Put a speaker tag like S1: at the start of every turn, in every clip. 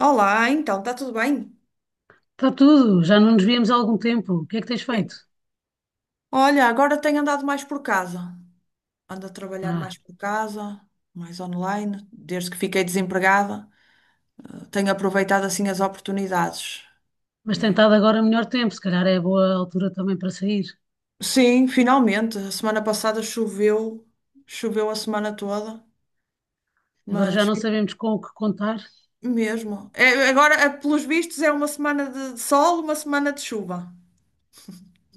S1: Olá, então, está tudo bem?
S2: Está tudo, já não nos víamos há algum tempo. O que é que tens
S1: Bem,
S2: feito?
S1: olha, agora tenho andado mais por casa. Ando a trabalhar mais
S2: Ah,
S1: por casa, mais online, desde que fiquei desempregada. Tenho aproveitado assim as oportunidades.
S2: mas tem
S1: E-
S2: estado agora melhor tempo, se calhar é boa altura também para sair.
S1: Sim, finalmente. A semana passada choveu, choveu a semana toda,
S2: Agora já
S1: mas
S2: não sabemos com o que contar.
S1: mesmo. É, agora, é, pelos vistos, é uma semana de sol, uma semana de chuva.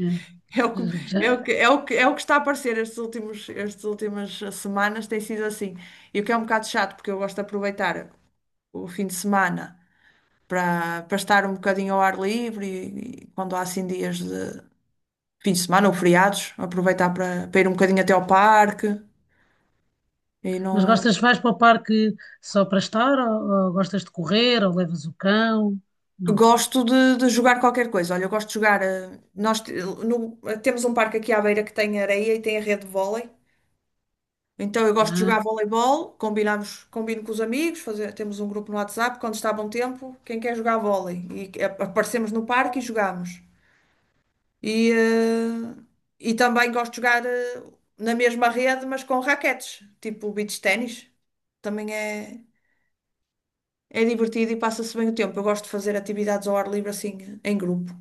S2: É,
S1: É o que,
S2: já-
S1: é o que está a aparecer estas últimas semanas tem sido assim. E o que é um bocado chato, porque eu gosto de aproveitar o fim de semana para estar um bocadinho ao ar livre e quando há assim dias de fim de semana ou feriados, aproveitar para ir um bocadinho até ao parque e
S2: Mas
S1: não.
S2: gostas, vais para o parque só para estar, ou, gostas de correr, ou levas o cão? Não,
S1: Gosto de jogar qualquer coisa. Olha, eu gosto de jogar. Eh, Nós te- no- temos um parque aqui à beira que tem areia e tem a rede de vôlei. Então eu
S2: não
S1: gosto de
S2: é?
S1: jogar voleibol, combino com os amigos, temos um grupo no WhatsApp, quando está bom tempo, quem quer jogar vôlei? Aparecemos no parque e jogamos. E, eh, e também gosto de jogar na mesma rede, mas com raquetes, tipo beach ténis. Também é divertido e passa-se bem o tempo. Eu gosto de fazer atividades ao ar livre assim, em grupo.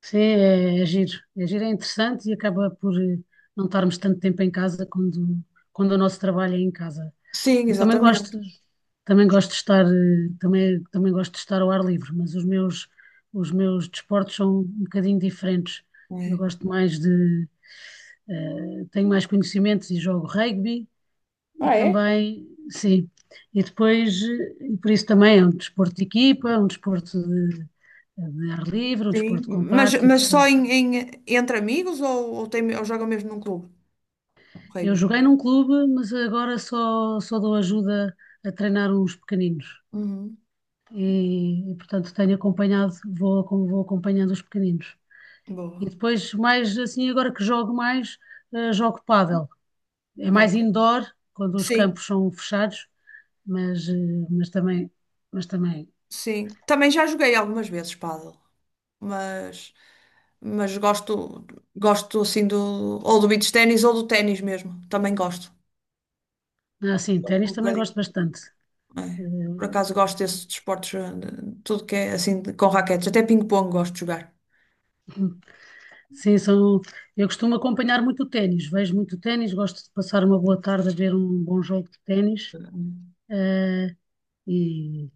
S2: Sim, é, é giro. É giro, é interessante e acaba por não estarmos tanto tempo em casa quando o nosso trabalho é em casa.
S1: Sim,
S2: Eu
S1: exatamente.
S2: também gosto de estar, também, também gosto de estar ao ar livre, mas os meus desportos são um bocadinho diferentes. Eu
S1: É.
S2: gosto mais de, tenho mais conhecimentos e jogo rugby e
S1: Ah, é?
S2: também, sim, e depois, e por isso também é um desporto de equipa, um desporto de ar livre, um
S1: Sim.
S2: desporto
S1: Mas,
S2: compacto e,
S1: mas só
S2: portanto,
S1: em, entre amigos ou jogam mesmo num clube?
S2: eu
S1: Ok.
S2: joguei num clube, mas agora só, só dou ajuda a treinar uns pequeninos.
S1: Uhum.
S2: Portanto tenho acompanhado, vou, vou acompanhando os pequeninos. E
S1: Boa.
S2: depois, mais assim, agora que jogo mais, jogo pádel. É mais
S1: Ok.
S2: indoor, quando os
S1: Sim,
S2: campos são fechados, mas, mas também, mas também,
S1: sim. Também já joguei algumas vezes pádel, mas mas gosto assim do ou do beach ténis ou do ténis mesmo. Também gosto.
S2: ah, sim,
S1: Gosto
S2: ténis
S1: um
S2: também
S1: bocadinho.
S2: gosto bastante.
S1: É. Por
S2: Eh,
S1: acaso gosto desses desportos, tudo que é assim com raquetes, até ping-pong gosto de jogar.
S2: Sim, são, eu costumo acompanhar muito o ténis, vejo muito o ténis, gosto de passar uma boa tarde a ver um bom jogo de ténis, eh, e,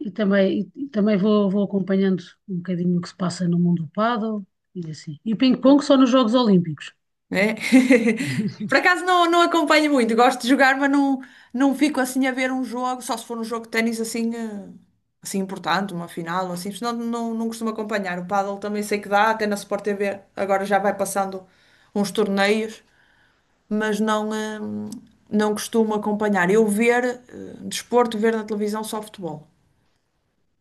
S2: E também vou, vou acompanhando um bocadinho o que se passa no mundo do pádel e assim. E o ping-pong só nos Jogos Olímpicos.
S1: É? Por acaso não acompanho muito, gosto de jogar, mas não fico assim a ver um jogo, só se for um jogo de ténis assim importante, uma final, ou assim, senão não costumo acompanhar. O pádel também sei que dá, até na Sport TV agora já vai passando uns torneios, mas não costumo acompanhar. Eu ver, desporto, ver na televisão só futebol.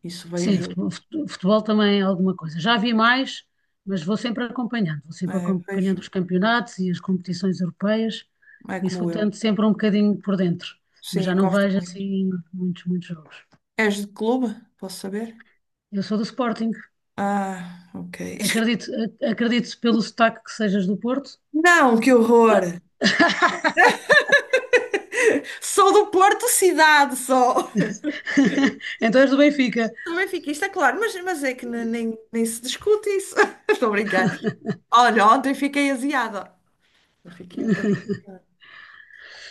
S1: Isso
S2: Sim, futebol, futebol também é alguma coisa. Já vi mais, mas vou sempre acompanhando. Vou sempre
S1: vejo,
S2: acompanhando os campeonatos e as competições europeias.
S1: é
S2: Isso vou
S1: como eu.
S2: tendo sempre um bocadinho por dentro. Mas já
S1: Sim,
S2: não
S1: gosto
S2: vejo
S1: muito.
S2: assim muitos, muitos jogos.
S1: És de clube? Posso saber?
S2: Eu sou do Sporting.
S1: Ah, ok.
S2: Acredito, acredito pelo sotaque que sejas do Porto.
S1: Não, que horror! Sou do Porto cidade, só.
S2: Então és do Benfica.
S1: Sou benfiquista, claro, mas é que nem se discute isso. Estou a brincar. Olha, ontem fiquei aziada. Fiquei um bocadinho aziada.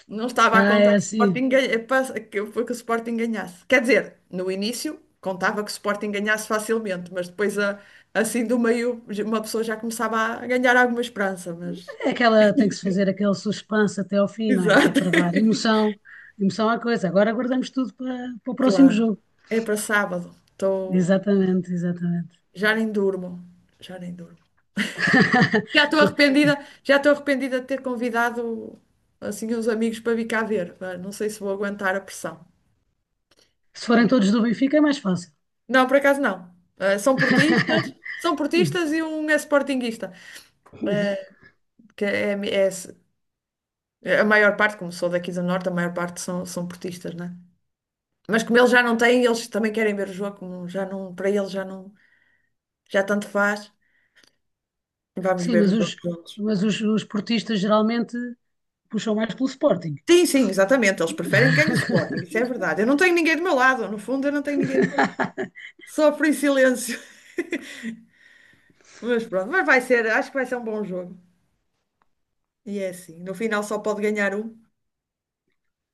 S1: Não estava a
S2: Ah,
S1: contar
S2: é
S1: que o
S2: assim.
S1: Sporting, que o Sporting ganhasse. Quer dizer, no início contava que o Sporting ganhasse facilmente, mas depois, assim do meio, uma pessoa já começava a ganhar alguma esperança. Mas...
S2: É aquela, tem que se fazer aquele suspense até ao fim, não é? Que é
S1: Exato.
S2: para dar emoção, emoção à coisa. Agora guardamos tudo para, para o próximo
S1: Claro.
S2: jogo.
S1: É para sábado. Estou
S2: Exatamente, exatamente.
S1: Já nem durmo, já nem durmo. Já estou arrependida, já estou arrependida de ter convidado assim uns amigos para vir cá ver. Ah, não sei se vou aguentar a pressão.
S2: Se forem todos do Benfica é mais fácil.
S1: Não, por acaso não. Ah, são portistas, são portistas e um é sportinguista, que é a maior parte, como sou daqui do Norte, a maior parte são portistas, né? Mas como eles já não têm, eles também querem ver o jogo, como já não, para eles já não, já tanto faz. Vamos
S2: Sim,
S1: ver os jogos juntos.
S2: mas os portistas geralmente puxam mais pelo Sporting.
S1: Sim, sim, exatamente. Eles preferem que ganhe o Sporting, isso é verdade. Eu não tenho ninguém do meu lado, no fundo, eu não tenho ninguém do meu lado. Sofro em silêncio. Mas pronto, acho que vai ser um bom jogo. E é assim, no final só pode ganhar um.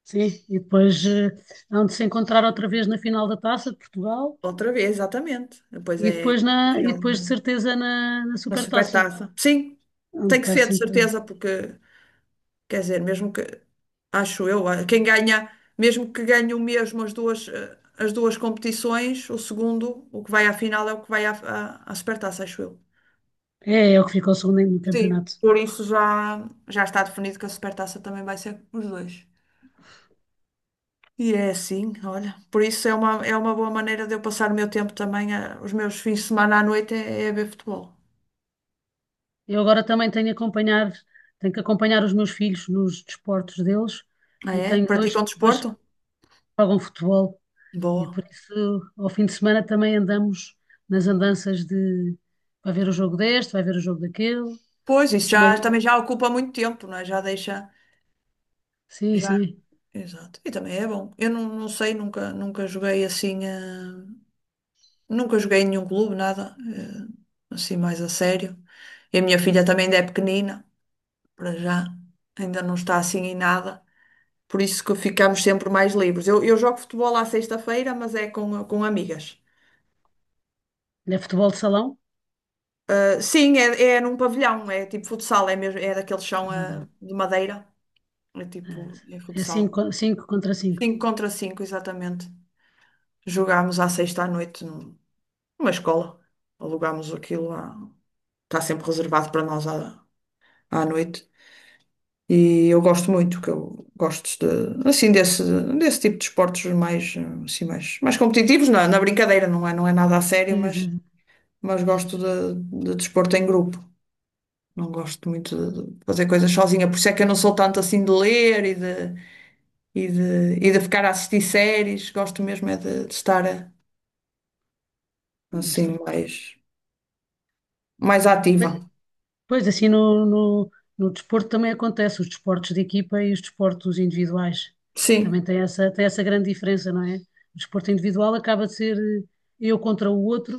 S2: Sim, e depois hão de se encontrar outra vez na final da Taça de Portugal
S1: Outra vez, exatamente. Depois
S2: e
S1: é
S2: depois,
S1: no
S2: e
S1: final
S2: depois de certeza na
S1: na
S2: Supertaça.
S1: supertaça. Sim,
S2: Hão de
S1: tem que
S2: estar
S1: ser de
S2: sempre...
S1: certeza, porque quer dizer, mesmo que acho eu, quem ganha, mesmo que ganhe o mesmo as duas, as duas competições, o segundo, o que vai à final é o que vai à supertaça, acho eu.
S2: É, é o que ficou segundo no
S1: Sim,
S2: campeonato.
S1: por isso já está definido que a Supertaça também vai ser os dois. E é assim, olha. Por isso é uma, boa maneira de eu passar o meu tempo também, os meus fins de semana à noite é a ver futebol.
S2: Eu agora também tenho acompanhar, tenho que acompanhar os meus filhos nos desportos deles
S1: Ah,
S2: e
S1: é?
S2: tenho dois,
S1: Praticam
S2: dois que
S1: desporto?
S2: jogam futebol e
S1: Boa.
S2: por isso ao fim de semana também andamos nas andanças de vai ver o jogo deste, vai ver o jogo daquele.
S1: Pois, isso já,
S2: Uma-
S1: também já ocupa muito tempo, não é? Já deixa.
S2: sim,
S1: Já,
S2: sim,
S1: exato. E também é bom. Eu não sei, nunca joguei assim, nunca joguei em nenhum clube, nada, assim mais a sério. E a minha filha também ainda é pequenina. Para já ainda não está assim em nada, por isso que ficamos sempre mais livres. Eu jogo futebol à sexta-feira, mas é com amigas.
S2: é futebol de salão,
S1: Ah, sim, é num pavilhão, é tipo futsal, é mesmo, é daquele chão
S2: exatamente.
S1: de madeira, é
S2: É é
S1: futsal.
S2: cinco
S1: Cinco contra cinco, exatamente. Jogámos à sexta à noite numa escola, alugámos aquilo, está sempre reservado para nós à noite. E eu gosto muito, que eu gosto assim desse tipo de esportes assim, mais competitivos, na brincadeira, não é nada a sério,
S2: contra 5.
S1: mas gosto de desporto em grupo. Não gosto muito de fazer coisas sozinha, por isso é que eu não sou tanto assim de ler e de ficar a assistir séries. Gosto mesmo é de estar
S2: Estou
S1: assim,
S2: com
S1: mais ativa.
S2: os- Pois assim no desporto também acontece, os desportos de equipa e os desportos individuais. Também
S1: Sim,
S2: tem essa grande diferença, não é? O desporto individual acaba de ser eu contra o outro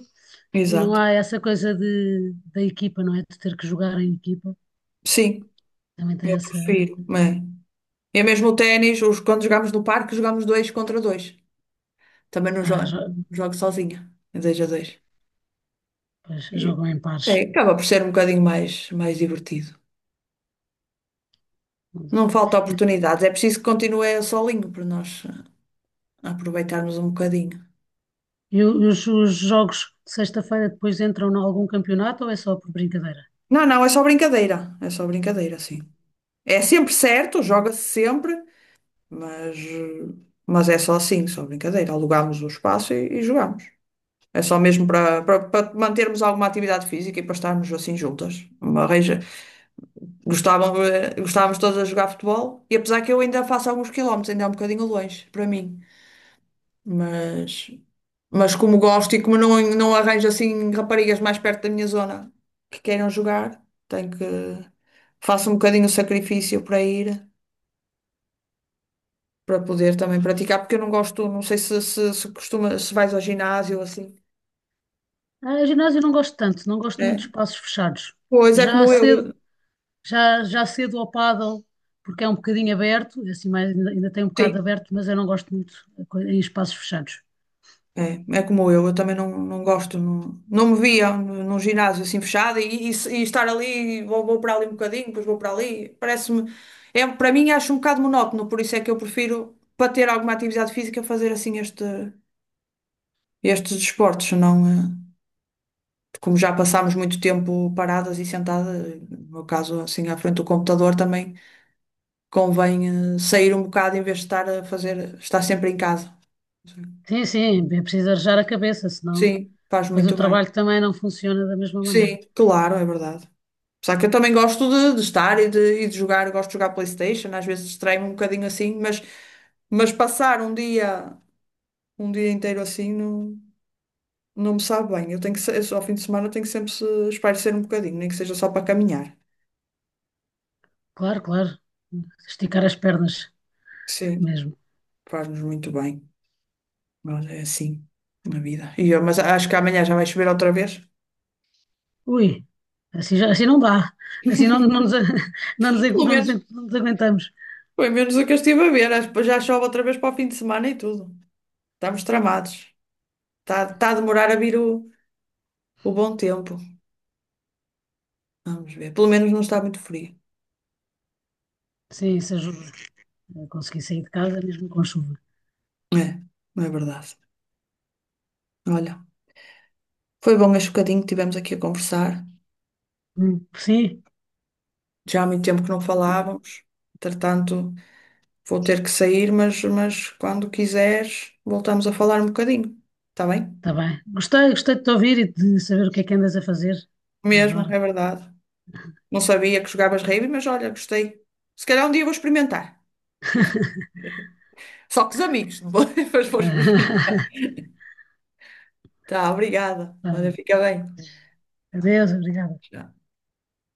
S2: e não
S1: exato.
S2: há essa coisa de, da equipa, não é? De ter que jogar em equipa.
S1: Sim,
S2: Também tem
S1: eu
S2: essa.
S1: prefiro. É. E mesmo o ténis, quando jogamos no parque, jogamos dois contra dois. Também não jogo,
S2: Ah, jo-
S1: não jogo sozinha, em 2 a 2.
S2: Pois,
S1: E,
S2: jogam em
S1: é,
S2: pares.
S1: acaba por ser um bocadinho mais divertido. Não falta
S2: E,
S1: oportunidades, é preciso que continue solinho para nós aproveitarmos um bocadinho.
S2: e os jogos de sexta-feira depois entram em algum campeonato ou é só por brincadeira?
S1: Não, não, é só brincadeira, sim. É sempre certo, joga-se sempre, mas, eh, mas é só assim, só brincadeira. Alugamos o espaço e jogamos. É só mesmo para mantermos alguma atividade física e para estarmos assim juntas. Uma gostávamos todos a jogar futebol e apesar que eu ainda faço alguns quilómetros, ainda é um bocadinho longe para mim, mas, mas, como gosto e como não arranjo assim raparigas mais perto da minha zona que queiram jogar, tenho que faço um bocadinho o sacrifício para ir, para poder também praticar, porque eu não gosto, não sei se vais ao ginásio ou assim,
S2: Ah, ginásio eu não gosto tanto, não gosto muito de
S1: né?
S2: espaços fechados.
S1: Pois é
S2: Já há
S1: como eu.
S2: cedo. Já, já cedo ao pádel, porque é um bocadinho aberto, é assim, mais, ainda, ainda tem um bocado
S1: Sim.
S2: aberto, mas eu não gosto muito em espaços fechados.
S1: É como eu também não gosto, não me via num ginásio assim fechado e estar ali, vou para ali um bocadinho, depois vou para ali, parece-me, é, para mim acho um bocado monótono, por isso é que eu prefiro, para ter alguma atividade física, fazer assim estes desportos, senão como já passámos muito tempo paradas e sentadas, no meu caso assim à frente do computador também convém sair um bocado em vez de estar sempre em casa.
S2: Sim, sim, é preciso arejar a cabeça, senão
S1: Sim, faz
S2: depois o
S1: muito bem.
S2: trabalho também não funciona da mesma maneira.
S1: Sim, claro, é verdade. Só que eu também gosto de estar e de jogar, gosto de jogar PlayStation, às vezes distraio-me um bocadinho assim, mas passar um dia inteiro assim não me sabe bem. Eu tenho que, se- ao fim de semana tenho que sempre se espairecer um bocadinho, nem que seja só para caminhar.
S2: Claro, claro, esticar as pernas
S1: Sim,
S2: mesmo.
S1: faz-nos muito bem, mas é assim na vida. Mas acho que amanhã já vai chover outra vez.
S2: Ui, assim não dá, assim não,
S1: Pelo menos,
S2: não nos aguentamos.
S1: foi menos o que eu estive a ver. Acho que já chove outra vez para o fim de semana e tudo. Estamos tramados. Está a demorar a vir o bom tempo. Vamos ver. Pelo menos não está muito frio.
S2: Sim, isso ajuda. Eu consegui sair de casa mesmo com chuva.
S1: É, não é verdade. Olha, foi bom este bocadinho que tivemos aqui a conversar.
S2: Sim,
S1: Já há muito tempo que não falávamos. Entretanto, vou ter que sair, mas quando quiseres, voltamos a falar um bocadinho. Está bem?
S2: está bem. Gostei, gostei de te ouvir e de saber o que é que andas a fazer por
S1: Mesmo,
S2: agora.
S1: é verdade. Não sabia que jogavas rave, mas olha, gostei. Se calhar um dia vou experimentar. Só com os amigos, não vou, mas vou experimentar. Tá, obrigada. Olha, fica bem.
S2: Adeus, obrigada.
S1: Tchau.